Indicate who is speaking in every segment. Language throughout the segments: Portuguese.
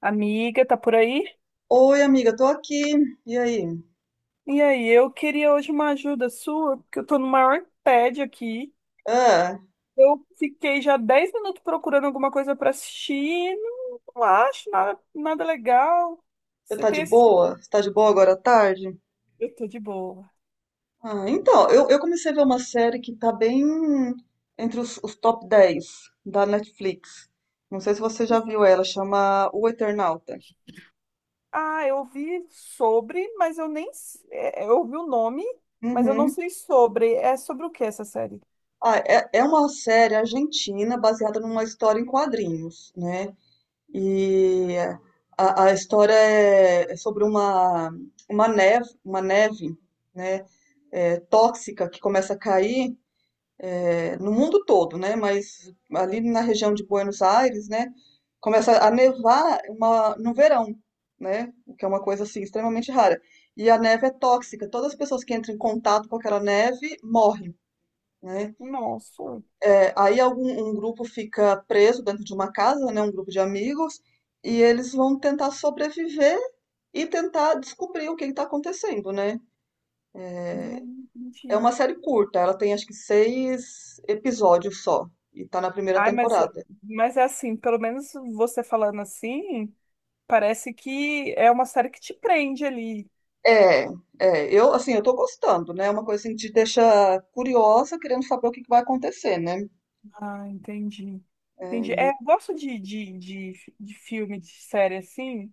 Speaker 1: Amiga, tá por aí?
Speaker 2: Oi, amiga, tô aqui. E aí?
Speaker 1: E aí, eu queria hoje uma ajuda sua, porque eu tô no maior tédio aqui.
Speaker 2: Ah,
Speaker 1: Eu fiquei já 10 minutos procurando alguma coisa pra assistir, e não acho nada, nada legal.
Speaker 2: você
Speaker 1: Você
Speaker 2: tá de
Speaker 1: tem assistido?
Speaker 2: boa? Você tá de boa agora à tarde?
Speaker 1: Eu tô de boa.
Speaker 2: Ah, então, eu comecei a ver uma série que tá bem entre os top 10 da Netflix. Não sei se você já viu ela, chama O Eternauta.
Speaker 1: Ah, eu ouvi sobre, mas eu nem. S- é, é, Eu ouvi o nome, mas eu não
Speaker 2: Uhum.
Speaker 1: sei sobre. É sobre o que essa série?
Speaker 2: Ah, é, é uma série argentina baseada numa história em quadrinhos, né? E a história é sobre uma neve, uma neve, né? é, tóxica que começa a cair é, no mundo todo, né? Mas ali na região de Buenos Aires, né? Começa a nevar no verão, né? O que é uma coisa assim extremamente rara. E a neve é tóxica. Todas as pessoas que entram em contato com aquela neve morrem, né?
Speaker 1: Nossa.
Speaker 2: É, aí algum um grupo fica preso dentro de uma casa, né? Um grupo de amigos e eles vão tentar sobreviver e tentar descobrir o que está acontecendo, né?
Speaker 1: Não
Speaker 2: É
Speaker 1: entendi.
Speaker 2: uma série curta, ela tem acho que seis episódios só e tá na primeira
Speaker 1: Ai, mas,
Speaker 2: temporada.
Speaker 1: mas é assim, pelo menos você falando assim, parece que é uma série que te prende ali.
Speaker 2: É, é, eu assim, eu tô gostando, né? É uma coisa assim, que te deixa curiosa, querendo saber o que que vai acontecer, né?
Speaker 1: Ah, entendi. Entendi. É, eu gosto de filme, de série assim,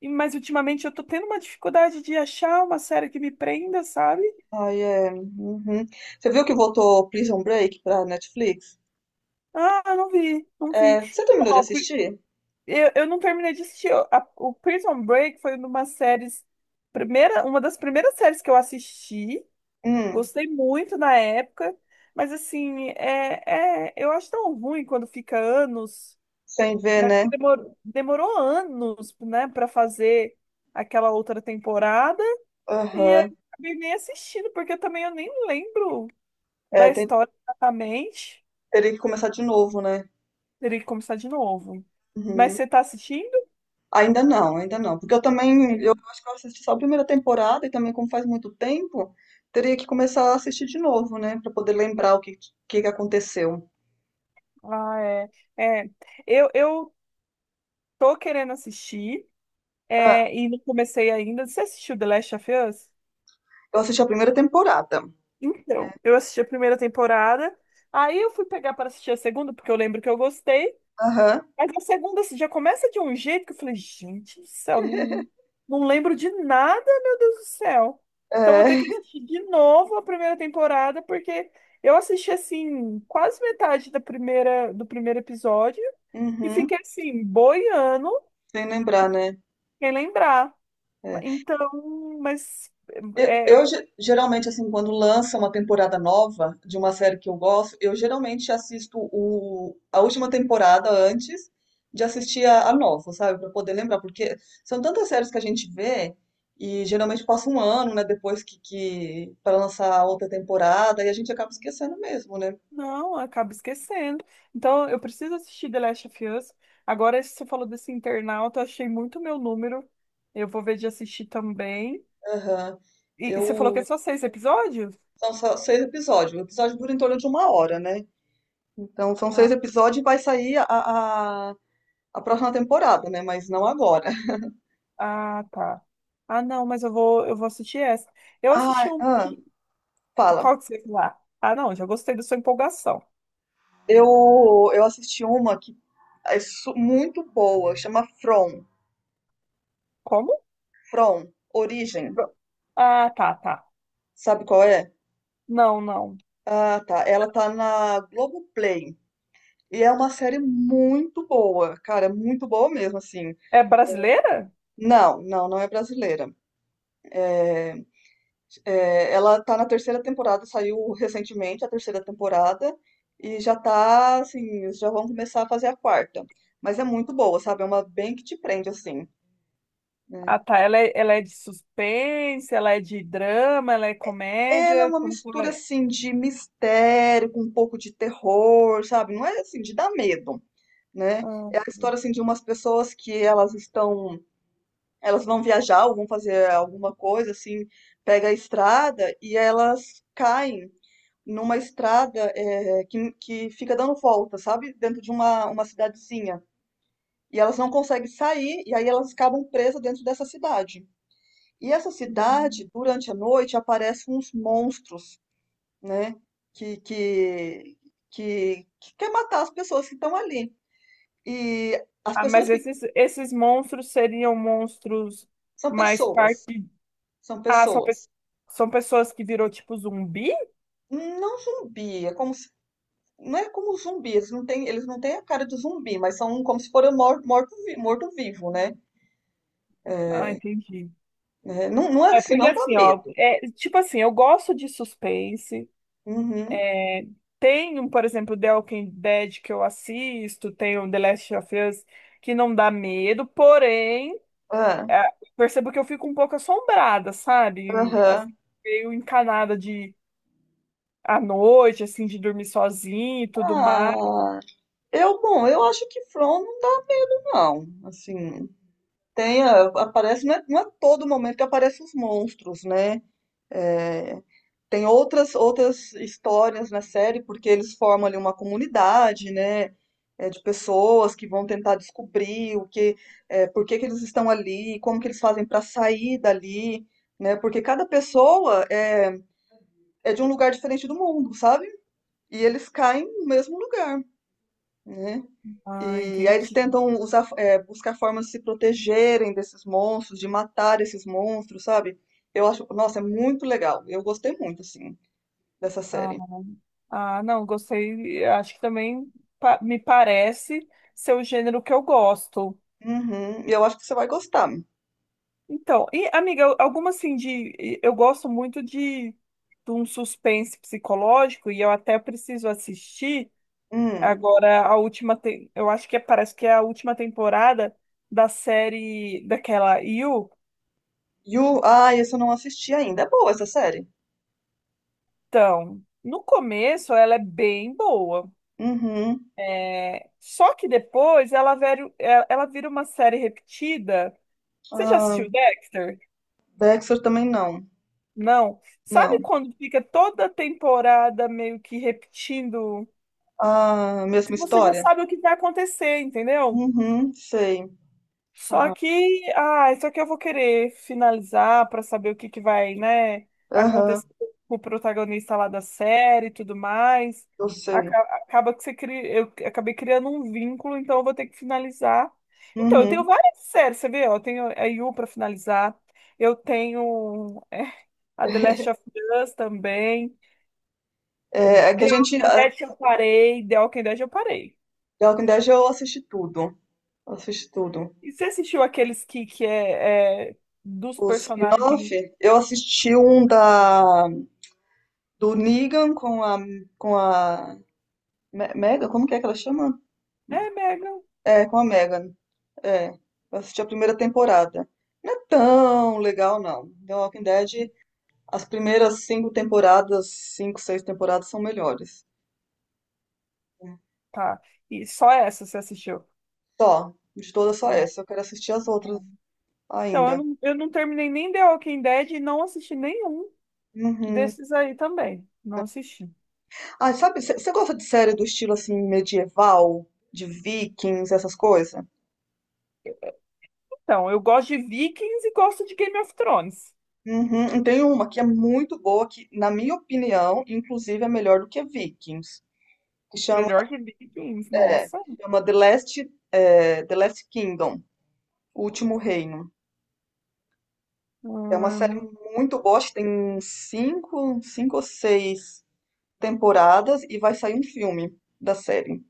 Speaker 1: mas ultimamente eu tô tendo uma dificuldade de achar uma série que me prenda, sabe?
Speaker 2: Ai, é. Uhum. Você viu que voltou Prison Break pra Netflix?
Speaker 1: Ah, não vi, não vi.
Speaker 2: É, você
Speaker 1: Então,
Speaker 2: terminou de
Speaker 1: ó,
Speaker 2: assistir?
Speaker 1: eu não terminei de assistir. O Prison Break foi uma séries, uma das primeiras séries que eu assisti.
Speaker 2: Hum,
Speaker 1: Gostei muito na época, mas assim, eu acho tão ruim quando fica anos,
Speaker 2: sem ver,
Speaker 1: né?
Speaker 2: né?
Speaker 1: Porque demorou, demorou anos, né, para fazer aquela outra temporada, e aí
Speaker 2: Aham.
Speaker 1: eu acabei nem assistindo, porque também eu nem lembro
Speaker 2: É,
Speaker 1: da história exatamente.
Speaker 2: teria que começar de novo, né?
Speaker 1: Teria que começar de novo. Mas
Speaker 2: Uhum.
Speaker 1: você tá assistindo?
Speaker 2: Ainda não, ainda não. Porque eu também, eu
Speaker 1: Sim.
Speaker 2: acho que eu assisti só a primeira temporada e também, como faz muito tempo, teria que começar a assistir de novo, né? Pra poder lembrar o que, que aconteceu.
Speaker 1: Ah, é. É. Eu tô querendo assistir,
Speaker 2: Ah,
Speaker 1: e não comecei ainda. Você assistiu The Last of Us?
Speaker 2: eu assisti a primeira temporada.
Speaker 1: Então, eu assisti a primeira temporada, aí eu fui pegar para assistir a segunda, porque eu lembro que eu gostei,
Speaker 2: Aham,
Speaker 1: mas a segunda assim, já começa de um jeito que eu falei, gente do céu, não, não lembro de nada, meu Deus do céu. Então vou ter
Speaker 2: é.
Speaker 1: que assistir de novo a primeira temporada, porque eu assisti assim, quase metade da primeira, do primeiro episódio e
Speaker 2: Uhum,
Speaker 1: fiquei assim, boiando,
Speaker 2: sem lembrar, né?
Speaker 1: sem lembrar.
Speaker 2: É.
Speaker 1: Então, mas.
Speaker 2: Eu,
Speaker 1: É eu
Speaker 2: eu geralmente, assim, quando lança uma temporada nova de uma série que eu gosto, eu geralmente assisto a última temporada antes de assistir a nova, sabe? Pra poder lembrar, porque são tantas séries que a gente vê e geralmente passa um ano, né, depois que para lançar a outra temporada e a gente acaba esquecendo mesmo, né?
Speaker 1: não, acaba esquecendo. Então, eu preciso assistir The Last of Us. Agora, você falou desse internauta, eu achei muito meu número. Eu vou ver de assistir também.
Speaker 2: Aham.
Speaker 1: E você falou que é
Speaker 2: Eu.
Speaker 1: só seis episódios?
Speaker 2: São só seis episódios. O episódio dura em torno de uma hora, né? Então, são
Speaker 1: Ah,
Speaker 2: seis episódios e vai sair a, a próxima temporada, né? Mas não agora.
Speaker 1: ah, tá. Ah, não, mas eu vou assistir essa. Eu assisti
Speaker 2: Ah,
Speaker 1: um.
Speaker 2: ah,
Speaker 1: Que-
Speaker 2: fala.
Speaker 1: Qual que você lá? Ah, ah, não, já gostei da sua empolgação.
Speaker 2: Eu, eu assisti uma que é muito boa, chama From.
Speaker 1: Como?
Speaker 2: From, Origem.
Speaker 1: Ah, tá, tá.
Speaker 2: Sabe qual é?
Speaker 1: Não, não.
Speaker 2: Ah, tá. Ela tá na Globoplay. E é uma série muito boa, cara, muito boa mesmo, assim.
Speaker 1: É brasileira?
Speaker 2: Não, não, não é brasileira. É, ela tá na terceira temporada, saiu recentemente a terceira temporada e já tá, assim, já vão começar a fazer a quarta. Mas é muito boa, sabe? É uma bem que te prende, assim,
Speaker 1: Ah,
Speaker 2: né?
Speaker 1: tá. Ela é de suspense, ela é de drama, ela é
Speaker 2: Ela é
Speaker 1: comédia.
Speaker 2: uma
Speaker 1: Como que ela
Speaker 2: mistura,
Speaker 1: é?
Speaker 2: assim, de mistério com um pouco de terror, sabe? Não é, assim, de dar medo, né?
Speaker 1: Ah,
Speaker 2: É a história, assim, de umas pessoas que elas estão. Elas vão viajar ou vão fazer alguma coisa, assim, pega a estrada e elas caem numa estrada é, que fica dando volta, sabe? Dentro de uma cidadezinha. E elas não conseguem sair, e aí elas acabam presas dentro dessa cidade. E essa cidade,
Speaker 1: uhum.
Speaker 2: durante a noite, aparecem uns monstros, né? Que, que, que quer matar as pessoas que estão ali. E as
Speaker 1: Ah,
Speaker 2: pessoas
Speaker 1: mas
Speaker 2: que
Speaker 1: esses, esses monstros seriam monstros
Speaker 2: são
Speaker 1: mais
Speaker 2: pessoas,
Speaker 1: parte.
Speaker 2: são
Speaker 1: Ah,
Speaker 2: pessoas.
Speaker 1: são pessoas que virou tipo zumbi?
Speaker 2: Não zumbi, é como se, não é como zumbi, eles não têm a cara de zumbi, mas são como se foram morto vivo, né?
Speaker 1: Ah, entendi.
Speaker 2: É, não, não é
Speaker 1: É
Speaker 2: assim,
Speaker 1: porque
Speaker 2: não dá
Speaker 1: assim, ó,
Speaker 2: medo.
Speaker 1: é, tipo assim, eu gosto de suspense.
Speaker 2: Uhum.
Speaker 1: Tem, um, por exemplo, The Walking Dead que eu assisto, tem o The Last of Us que não dá medo, porém,
Speaker 2: É,
Speaker 1: é, percebo que eu fico um pouco assombrada, sabe? Assim,
Speaker 2: aham.
Speaker 1: meio encanada de à noite, assim, de dormir sozinha e tudo mais.
Speaker 2: Ah, eu, bom, eu acho que From não dá, não. Assim, tem, aparece, não é todo momento que aparecem os monstros, né? É, tem outras histórias na série, porque eles formam ali uma comunidade, né? É, de pessoas que vão tentar descobrir o que, é, por que que eles estão ali, como que eles fazem para sair dali, né? Porque cada pessoa é, de um lugar diferente do mundo, sabe? E eles caem no mesmo lugar, né?
Speaker 1: Ah,
Speaker 2: E aí eles
Speaker 1: entendi.
Speaker 2: tentam usar, é, buscar formas de se protegerem desses monstros, de matar esses monstros, sabe? Eu acho, nossa, é muito legal. Eu gostei muito, assim, dessa
Speaker 1: Ah,
Speaker 2: série.
Speaker 1: ah, não, gostei. Acho que também me parece ser o gênero que eu gosto.
Speaker 2: Uhum, e eu acho que você vai gostar.
Speaker 1: Então, e amiga, eu- alguma assim de. Eu gosto muito de um suspense psicológico e eu até preciso assistir
Speaker 2: Hum.
Speaker 1: agora a última. Eu acho que parece que é a última temporada da série daquela You.
Speaker 2: You, ah, esse eu não assisti ainda. É boa essa série.
Speaker 1: Então, no começo ela é bem boa.
Speaker 2: Uhum.
Speaker 1: É, só que depois ela, vero- ela ela vira uma série repetida. Você já
Speaker 2: Ah,
Speaker 1: assistiu Dexter?
Speaker 2: Dexter também não.
Speaker 1: Não. Sabe
Speaker 2: Não.
Speaker 1: quando fica toda temporada meio que repetindo?
Speaker 2: Ah, mesma
Speaker 1: Você já
Speaker 2: história?
Speaker 1: sabe o que vai acontecer, entendeu?
Speaker 2: Uhum, sei.
Speaker 1: Só
Speaker 2: Ah,
Speaker 1: que, ah, só que eu vou querer finalizar para saber o que que vai, né,
Speaker 2: aham,
Speaker 1: acontecer com o protagonista lá da série e tudo mais.
Speaker 2: eu sei.
Speaker 1: Acaba que você cria, eu acabei criando um vínculo, então eu vou ter que finalizar. Então, eu tenho
Speaker 2: Uhum.
Speaker 1: várias séries, você vê, ó, eu tenho a You para finalizar. Eu tenho a The Last of Us também. The
Speaker 2: É, é que a gente.
Speaker 1: Walking Dead eu parei, The Walking Dead eu parei.
Speaker 2: The Walking Dead eu assisti tudo. Eu assisti tudo.
Speaker 1: E você assistiu aqueles que, dos
Speaker 2: O
Speaker 1: personagens
Speaker 2: spin-off, eu assisti um do Negan com a Mega, como que é que ela chama?
Speaker 1: é Megan.
Speaker 2: É, com a Megan. É, eu assisti a primeira temporada. Não é tão legal, não. The Walking Dead, as primeiras cinco temporadas, cinco, seis temporadas são melhores.
Speaker 1: Tá. E só essa você assistiu.
Speaker 2: Só, de todas só
Speaker 1: Ah.
Speaker 2: essa. Eu quero assistir as outras
Speaker 1: Então,
Speaker 2: ainda.
Speaker 1: eu não terminei nem The Walking Dead e não assisti nenhum
Speaker 2: Uhum.
Speaker 1: desses aí também. Não assisti.
Speaker 2: Ah, sabe, você gosta de série do estilo assim medieval, de Vikings, essas coisas?
Speaker 1: Então, eu gosto de Vikings e gosto de Game of Thrones.
Speaker 2: Uhum, e tem uma que é muito boa, que na minha opinião, inclusive é melhor do que Vikings, que
Speaker 1: Melhor que Vikings,
Speaker 2: é,
Speaker 1: nossa.
Speaker 2: chama The Last Kingdom, O Último Reino. É uma
Speaker 1: Ah,
Speaker 2: série
Speaker 1: não.
Speaker 2: muito boa, acho que tem uns cinco, cinco ou seis temporadas e vai sair um filme da série.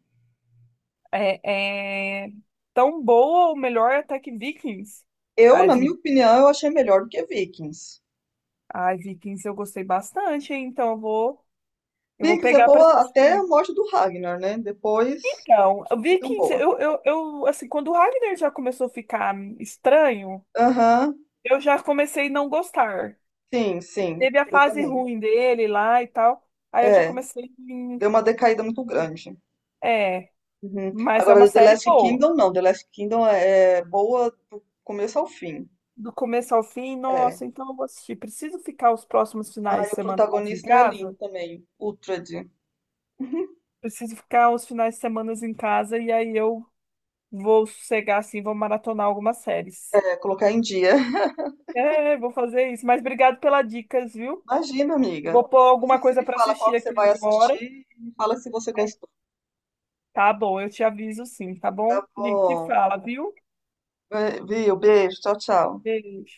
Speaker 1: É, é tão boa ou melhor até que Vikings.
Speaker 2: Eu,
Speaker 1: Ai,
Speaker 2: na minha
Speaker 1: Vi-
Speaker 2: opinião, eu achei melhor do que Vikings.
Speaker 1: Ai, Vikings eu gostei bastante, hein? Então eu vou
Speaker 2: Vikings é
Speaker 1: pegar pra
Speaker 2: boa até a
Speaker 1: assistir.
Speaker 2: morte do Ragnar, né? Depois
Speaker 1: Então,
Speaker 2: é tão
Speaker 1: Vikings,
Speaker 2: boa.
Speaker 1: eu, assim, quando o Ragnar já começou a ficar estranho,
Speaker 2: Aham,
Speaker 1: eu já comecei a não gostar.
Speaker 2: sim, sim,
Speaker 1: Teve a
Speaker 2: eu
Speaker 1: fase
Speaker 2: também.
Speaker 1: ruim dele lá e tal, aí eu já
Speaker 2: É,
Speaker 1: comecei, em-
Speaker 2: deu uma decaída muito grande.
Speaker 1: é,
Speaker 2: Uhum.
Speaker 1: mas é uma
Speaker 2: Agora, The
Speaker 1: série
Speaker 2: Last
Speaker 1: boa.
Speaker 2: Kingdom, não. The Last Kingdom é boa do começo ao fim.
Speaker 1: Do começo ao fim,
Speaker 2: É.
Speaker 1: nossa, então eu vou assistir. Preciso ficar os próximos
Speaker 2: Ah,
Speaker 1: finais
Speaker 2: e
Speaker 1: de
Speaker 2: o
Speaker 1: semana em
Speaker 2: protagonista é lindo
Speaker 1: casa?
Speaker 2: também, Uhtred. Uhum.
Speaker 1: Preciso ficar os finais de semana em casa e aí eu vou sossegar, assim, vou maratonar algumas séries.
Speaker 2: É, colocar em dia.
Speaker 1: É, vou fazer isso. Mas obrigado pelas dicas, viu?
Speaker 2: Imagina, amiga.
Speaker 1: Vou pôr
Speaker 2: Depois
Speaker 1: alguma
Speaker 2: você
Speaker 1: coisa
Speaker 2: me
Speaker 1: para
Speaker 2: fala qual
Speaker 1: assistir
Speaker 2: que você
Speaker 1: aqui
Speaker 2: vai
Speaker 1: agora.
Speaker 2: assistir e me fala se você
Speaker 1: É,
Speaker 2: gostou.
Speaker 1: tá bom, eu te aviso sim, tá
Speaker 2: Tá
Speaker 1: bom? A gente se
Speaker 2: bom,
Speaker 1: fala, viu?
Speaker 2: é, viu? Beijo, tchau, tchau.
Speaker 1: Beijo.